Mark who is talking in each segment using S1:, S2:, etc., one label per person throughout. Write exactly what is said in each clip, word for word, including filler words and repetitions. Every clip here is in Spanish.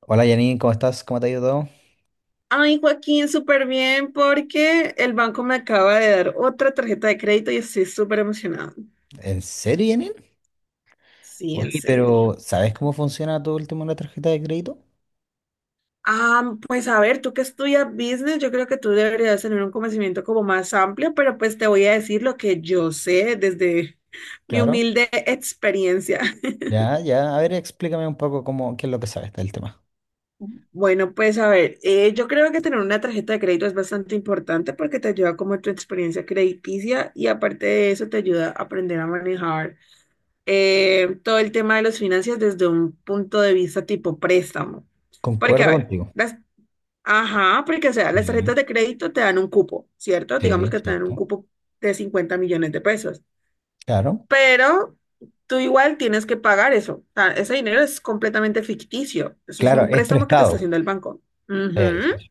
S1: Hola Janine, ¿cómo estás? ¿Cómo te ha ido todo?
S2: Ay, Joaquín, súper bien porque el banco me acaba de dar otra tarjeta de crédito y estoy súper emocionado.
S1: ¿En serio, Janine?
S2: Sí, en
S1: Oye,
S2: serio.
S1: pero ¿sabes cómo funciona todo el tema de la tarjeta de crédito?
S2: Ah, pues a ver, tú que estudias business, yo creo que tú deberías tener un conocimiento como más amplio, pero pues te voy a decir lo que yo sé desde mi
S1: Claro.
S2: humilde experiencia.
S1: Ya, ya. A ver, explícame un poco cómo, qué es lo que sabes del tema.
S2: Bueno, pues a ver, eh, yo creo que tener una tarjeta de crédito es bastante importante porque te ayuda como tu experiencia crediticia y aparte de eso te ayuda a aprender a manejar eh, todo el tema de las finanzas desde un punto de vista tipo préstamo. Porque, a
S1: Concuerdo
S2: ver,
S1: contigo.
S2: las, ajá, porque, o sea, las
S1: Sí,
S2: tarjetas de crédito te dan un cupo, ¿cierto? Digamos
S1: sí,
S2: que te dan un
S1: cierto.
S2: cupo de cincuenta millones de pesos,
S1: Claro.
S2: pero tú igual tienes que pagar eso. O sea, ese dinero es completamente ficticio. Eso es
S1: Claro,
S2: un
S1: es
S2: préstamo que te está
S1: prestado.
S2: haciendo el banco.
S1: Sí, sí,
S2: Ujú.
S1: sí.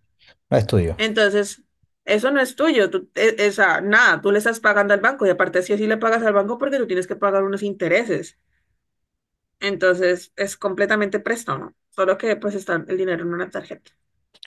S1: No es tuyo.
S2: Entonces, eso no es tuyo. Tú, e- esa, nada, tú le estás pagando al banco y aparte si así le pagas al banco porque tú tienes que pagar unos intereses. Entonces es completamente préstamo, ¿no? Solo que pues está el dinero en una tarjeta.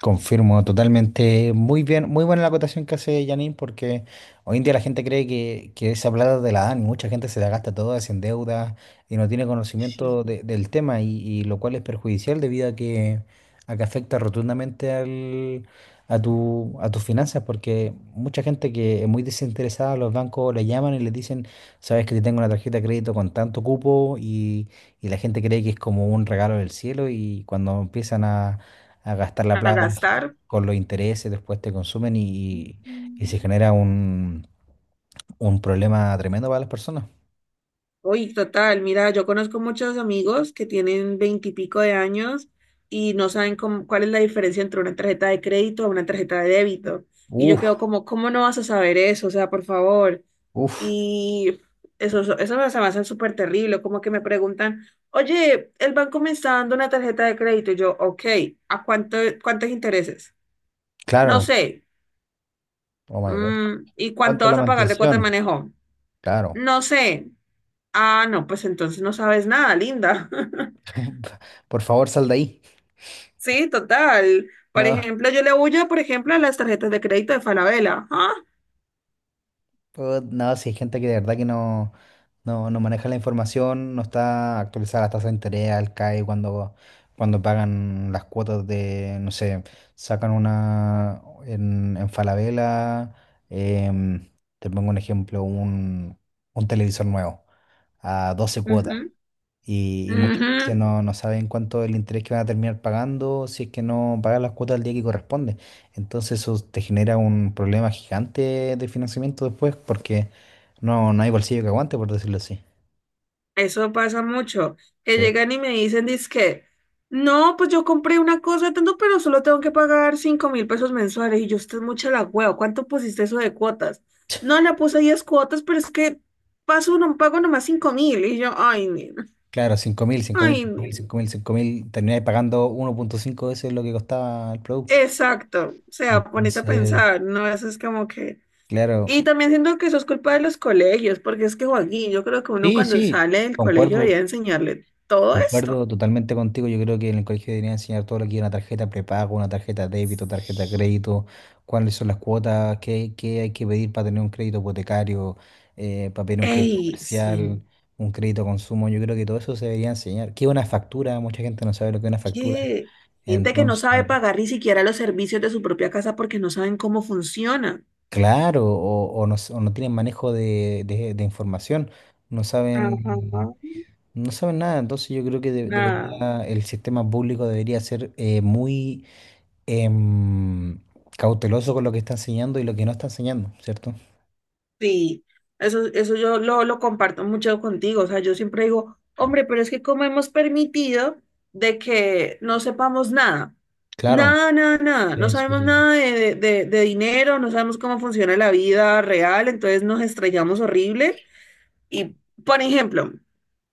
S1: Confirmo totalmente. Muy bien, muy buena la acotación que hace Janine, porque hoy en día la gente cree que, que esa plata de la dan y mucha gente se la gasta toda, se endeuda y no tiene
S2: Sí.
S1: conocimiento de- del tema, y, y lo cual es perjudicial debido a que, a que afecta rotundamente al, a tu, a tus finanzas, porque mucha gente que es muy desinteresada, los bancos le llaman y les dicen, sabes que te tengo una tarjeta de crédito con tanto cupo, y, y la gente cree que es como un regalo del cielo, y cuando empiezan a a gastar la
S2: A
S1: plata
S2: gastar.
S1: con los intereses, después te consumen y, y
S2: Ujú.
S1: se genera un, un problema tremendo para las personas.
S2: Uy, total, mira, yo conozco muchos amigos que tienen veintipico de años y no saben cómo- cuál es la diferencia entre una tarjeta de crédito a una tarjeta de débito. Y yo
S1: Uf,
S2: quedo como, ¿cómo no vas a saber eso? O sea, por favor.
S1: uf,
S2: Y eso, eso me se me hace súper terrible, como que me preguntan, oye, el banco me está dando una tarjeta de crédito. Y yo, ok, ¿a cuánto, cuántos intereses? No
S1: claro.
S2: sé.
S1: Oh my God.
S2: Mm, ¿y cuánto
S1: ¿Cuánto la
S2: vas a pagar de cuota de
S1: mantención?
S2: manejo?
S1: Claro.
S2: No sé. Ah, no, pues entonces no sabes nada, linda.
S1: Por favor, sal de ahí.
S2: Sí, total. Por
S1: No.
S2: ejemplo, yo le huyo, por ejemplo, a las tarjetas de crédito de Falabella. Ah.
S1: Pues, no, si hay gente que de verdad que no, no, no maneja la información, no está actualizada la tasa de interés, al CAE cuando, cuando pagan las cuotas de, no sé, sacan una en, en Falabella, em, te pongo un ejemplo, un, un televisor nuevo a doce cuotas.
S2: Ujú,
S1: Y, y muchas veces
S2: ujú.
S1: no, no saben cuánto es el interés que van a terminar pagando si es que no pagan las cuotas al día que corresponde. Entonces eso te genera un problema gigante de financiamiento después porque no, no hay bolsillo que aguante, por decirlo así.
S2: Eso pasa mucho, que
S1: Sí.
S2: llegan y me dicen, dizque, no, pues yo compré una cosa de tanto, pero solo tengo que pagar cinco mil pesos mensuales. Y yo, usted es mucha la hueva, ¿cuánto pusiste eso de cuotas? No, le puse diez cuotas, pero es que paso, no pago nomás cinco mil. Y yo, ay, nena,
S1: Claro, cinco cinco cinco mil
S2: ay,
S1: mil mil
S2: nena.
S1: cinco mil cinco mil termináis pagando uno punto cinco veces lo que costaba el producto.
S2: Exacto, o sea, ponete a
S1: Entonces,
S2: pensar, ¿no? Eso es como que...
S1: claro,
S2: Y también siento que eso es culpa de los colegios, porque es que, Joaquín, yo creo que uno
S1: sí,
S2: cuando
S1: sí,
S2: sale del colegio debería
S1: concuerdo,
S2: enseñarle todo esto.
S1: Concuerdo totalmente contigo. Yo creo que en el colegio deberían enseñar todo lo que es una tarjeta prepago, una tarjeta débito, tarjeta crédito, cuáles son las cuotas, qué, qué hay que pedir para tener un crédito hipotecario, eh, para pedir un crédito
S2: Ey, sí.
S1: comercial, un crédito consumo. Yo creo que todo eso se debería enseñar. ¿Qué es una factura? Mucha gente no sabe lo que es una factura.
S2: ¿Qué? Gente que no sabe
S1: Entonces,
S2: pagar ni siquiera los servicios de su propia casa porque no saben cómo funciona.
S1: claro, o, o no, s- o no tienen manejo de, de- de información, no saben,
S2: Ajá,
S1: no saben nada. Entonces yo creo que de-
S2: nada,
S1: debería, el sistema público debería ser eh, muy em, cauteloso con lo que está enseñando y lo que no está enseñando, ¿cierto?
S2: sí, eso, eso yo lo, lo comparto mucho contigo, o sea, yo siempre digo, hombre, pero es que cómo hemos permitido de que no sepamos nada,
S1: Claro,
S2: nada, nada, nada, no
S1: sí, sí,
S2: sabemos
S1: sí, sí.
S2: nada de, de, de dinero, no sabemos cómo funciona la vida real, entonces nos estrellamos horrible y, por ejemplo,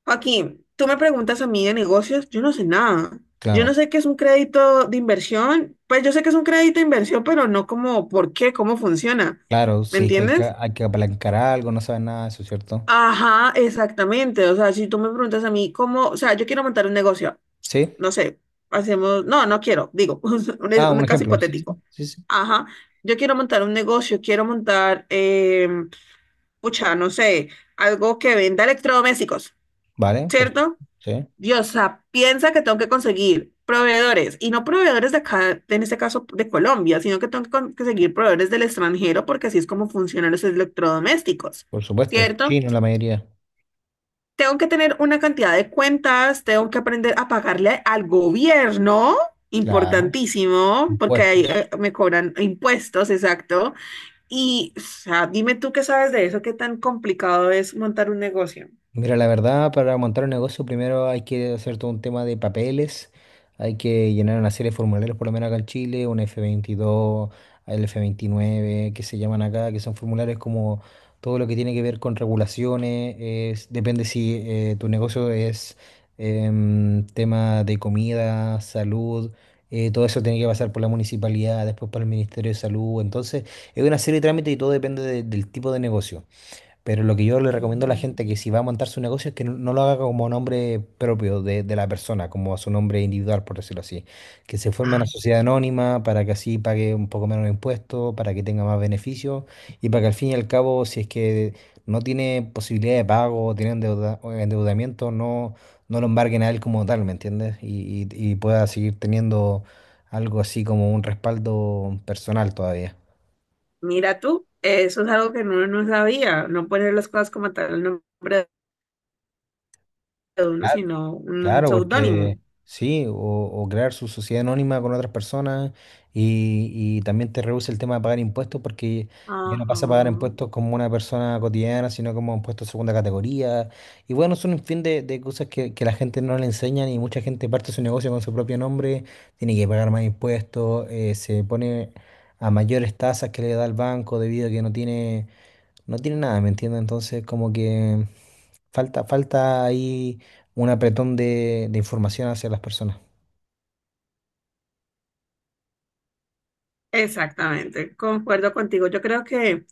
S2: Joaquín, tú me preguntas a mí de negocios, yo no sé nada. Yo no
S1: Claro,
S2: sé qué es un crédito de inversión. Pues yo sé que es un crédito de inversión, pero no como por qué, cómo funciona.
S1: claro,
S2: ¿Me
S1: sí, que hay que,
S2: entiendes?
S1: hay que apalancar algo, no saben nada de eso, ¿cierto?
S2: Ajá, exactamente. O sea, si tú me preguntas a mí cómo, o sea, yo quiero montar un negocio,
S1: Sí,
S2: no sé, hacemos, no, no quiero, digo, un,
S1: ah,
S2: un
S1: un
S2: caso
S1: ejemplo, sí, sí,
S2: hipotético.
S1: sí, sí.
S2: Ajá, yo quiero montar un negocio, quiero montar, eh, pucha, no sé, algo que venda electrodomésticos,
S1: Vale, perfecto,
S2: ¿cierto?
S1: sí,
S2: Dios, o sea, piensa que tengo que conseguir proveedores, y no proveedores de acá, en este caso de Colombia, sino que tengo que con- conseguir proveedores del extranjero porque así es como funcionan los electrodomésticos,
S1: por supuesto,
S2: ¿cierto?
S1: chino la mayoría,
S2: Tengo que tener una cantidad de cuentas, tengo que aprender a pagarle al gobierno,
S1: claro,
S2: importantísimo, porque ahí eh,
S1: impuestos.
S2: me cobran impuestos, exacto. Y, o sea, dime tú qué sabes de eso, qué tan complicado es montar un negocio.
S1: Mira, la verdad, para montar un negocio primero hay que hacer todo un tema de papeles, hay que llenar una serie de formularios, por lo menos acá en Chile, un F veintidós, el F veintinueve, que se llaman acá, que son formularios como todo lo que tiene que ver con regulaciones, es- depende si eh, tu negocio es em, tema de comida, salud, eh, todo eso tiene que pasar por la municipalidad, después por el Ministerio de Salud, entonces es una serie de trámites y todo depende de- del tipo de negocio. Pero lo que yo le recomiendo a la
S2: Ujú.
S1: gente que si va a montar su negocio es que no, no lo haga como nombre propio de, de la persona, como a su nombre individual, por decirlo así. Que se forme una sociedad anónima para que así pague un poco menos de impuestos, para que tenga más beneficios y para que al fin y al cabo, si es que no tiene posibilidad de pago, o tiene endeuda- o endeudamiento, no, no lo embarguen a él como tal, ¿me entiendes? Y, y y pueda seguir teniendo algo así como un respaldo personal todavía.
S2: Mira tú, eso es algo que uno no sabía, no poner las cosas como tal el nombre de uno, sino un
S1: Claro,
S2: seudónimo.
S1: porque sí, o, o crear su sociedad anónima con otras personas y, y también te reduce el tema de pagar impuestos porque ya no
S2: Ajá.
S1: pasa a pagar impuestos como una persona cotidiana, sino como impuestos de segunda categoría. Y bueno, son un fin de, de cosas que, que la gente no le enseñan y mucha gente parte su negocio con su propio nombre, tiene que pagar más impuestos, eh, se pone a mayores tasas que le da el banco debido a que no tiene... No tiene nada, ¿me entiendes? Entonces, como que falta, falta ahí un apretón de, de información hacia las personas.
S2: Exactamente, concuerdo contigo. Yo creo que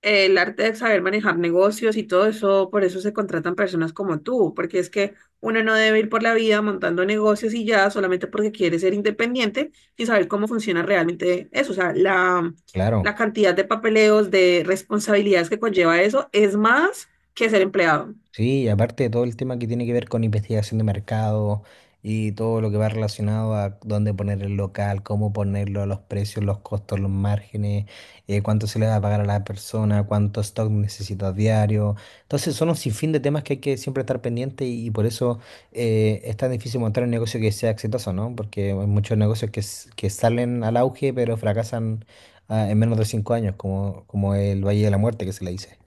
S2: el arte de saber manejar negocios y todo eso, por eso se contratan personas como tú, porque es que uno no debe ir por la vida montando negocios y ya solamente porque quiere ser independiente y saber cómo funciona realmente eso. O sea, la, la
S1: Claro.
S2: cantidad de papeleos, de responsabilidades que conlleva eso es más que ser empleado.
S1: Sí, y aparte de todo el tema que tiene que ver con investigación de mercado y todo lo que va relacionado a dónde poner el local, cómo ponerlo, los precios, los costos, los márgenes, eh, cuánto se le va a pagar a la persona, cuánto stock necesitas diario. Entonces son un sinfín de temas que hay que siempre estar pendiente y, y por eso eh, es tan difícil montar un negocio que sea exitoso, ¿no? Porque hay muchos negocios que, s- que salen al auge pero fracasan ah, en menos de cinco años, como, como el Valle de la Muerte que se le dice.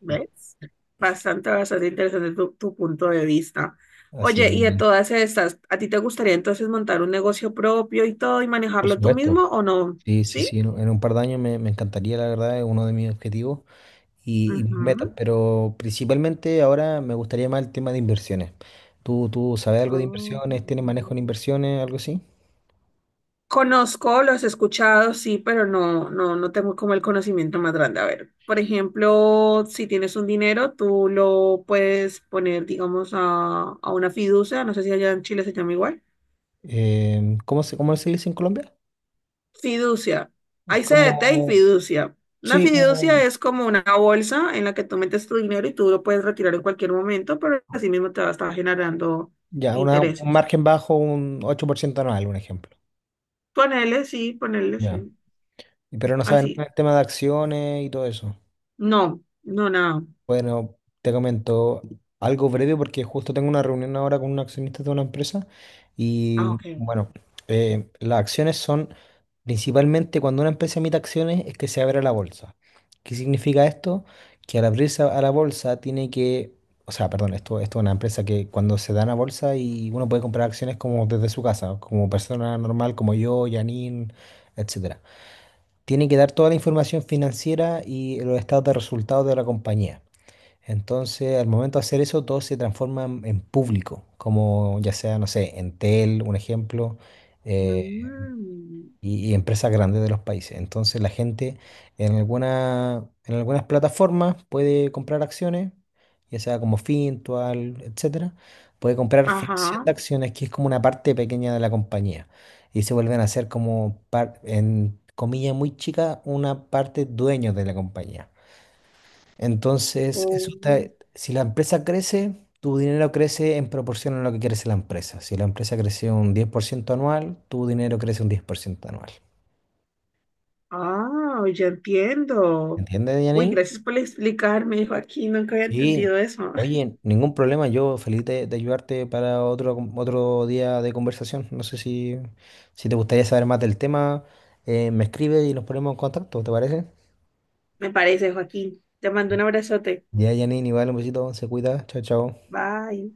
S2: ¿Ves? Bastante, bastante interesante tu, tu punto de vista.
S1: Así,
S2: Oye, y de todas estas, ¿a ti te gustaría entonces montar un negocio propio y todo y
S1: por
S2: manejarlo tú
S1: supuesto.
S2: mismo o no?
S1: Sí, sí,
S2: ¿Sí?
S1: sí, en en un par de años me, me encantaría, la verdad, es uno de mis objetivos y, y mis metas,
S2: Ujú.
S1: pero principalmente ahora me gustaría más el tema de inversiones. ¿Tú, tú sabes algo de
S2: Ok.
S1: inversiones? ¿Tienes manejo en inversiones, algo así?
S2: Conozco, los he escuchado, sí, pero no, no, no tengo como el conocimiento más grande. A ver, por ejemplo, si tienes un dinero, tú lo puedes poner, digamos, a, a una fiducia, no sé si allá en Chile se llama igual.
S1: Em, ¿cómo se, cómo se dice en Colombia?
S2: Fiducia. Hay C D T y
S1: Como,
S2: fiducia. Una
S1: sí,
S2: fiducia
S1: como,
S2: es como una bolsa en la que tú metes tu dinero y tú lo puedes retirar en cualquier momento, pero así mismo te va a estar generando
S1: ya, una- un
S2: intereses.
S1: margen bajo, un ocho por ciento anual, un ejemplo.
S2: Ponele, sí, ponele, sí.
S1: Ya. Y Pero no saben
S2: Así.
S1: el tema de acciones y todo eso.
S2: No, no, nada.
S1: Bueno, te comento algo breve porque justo tengo una reunión ahora con un accionista de una empresa y
S2: Ah, ok.
S1: bueno, eh, las acciones son principalmente cuando una empresa emite acciones es que se abre a la bolsa. ¿Qué significa esto? Que al abrirse a la bolsa tiene que, o sea, perdón, esto, esto es una empresa que cuando se da a bolsa y uno puede comprar acciones como desde su casa, como persona normal como yo, Janine, etcétera. Tiene que dar toda la información financiera y los estados de resultados de la compañía. Entonces, al momento de hacer eso, todo se transforma en en público, como ya sea, no sé, Entel, un ejemplo, eh,
S2: Mm,
S1: y, y empresas grandes de los países. Entonces, la gente en alguna, en algunas plataformas puede comprar acciones, ya sea como Fintual, etcétera. Puede comprar fracción
S2: ajá.
S1: de acciones, que es como una parte pequeña de la compañía. Y se vuelven a ser como, par- en comillas muy chicas, una parte dueños de la compañía. Entonces,
S2: Oh,
S1: eso te- si la empresa crece, tu dinero crece en proporción a lo que crece la empresa. Si la empresa crece un diez por ciento anual, tu dinero crece un diez por ciento anual.
S2: ah, ya entiendo.
S1: ¿Entiendes,
S2: Uy,
S1: Janine?
S2: gracias por explicarme, Joaquín. Nunca había
S1: Sí.
S2: entendido eso.
S1: Oye, ningún problema. Yo feliz de, de ayudarte para otro, con- otro día de conversación. No sé si, si te gustaría saber más del tema, eh, me escribes y nos ponemos en contacto, ¿te parece?
S2: Me parece, Joaquín. Te mando un abrazote.
S1: Ya, Janine, igual un besito, se cuida. Chao, chao.
S2: Bye.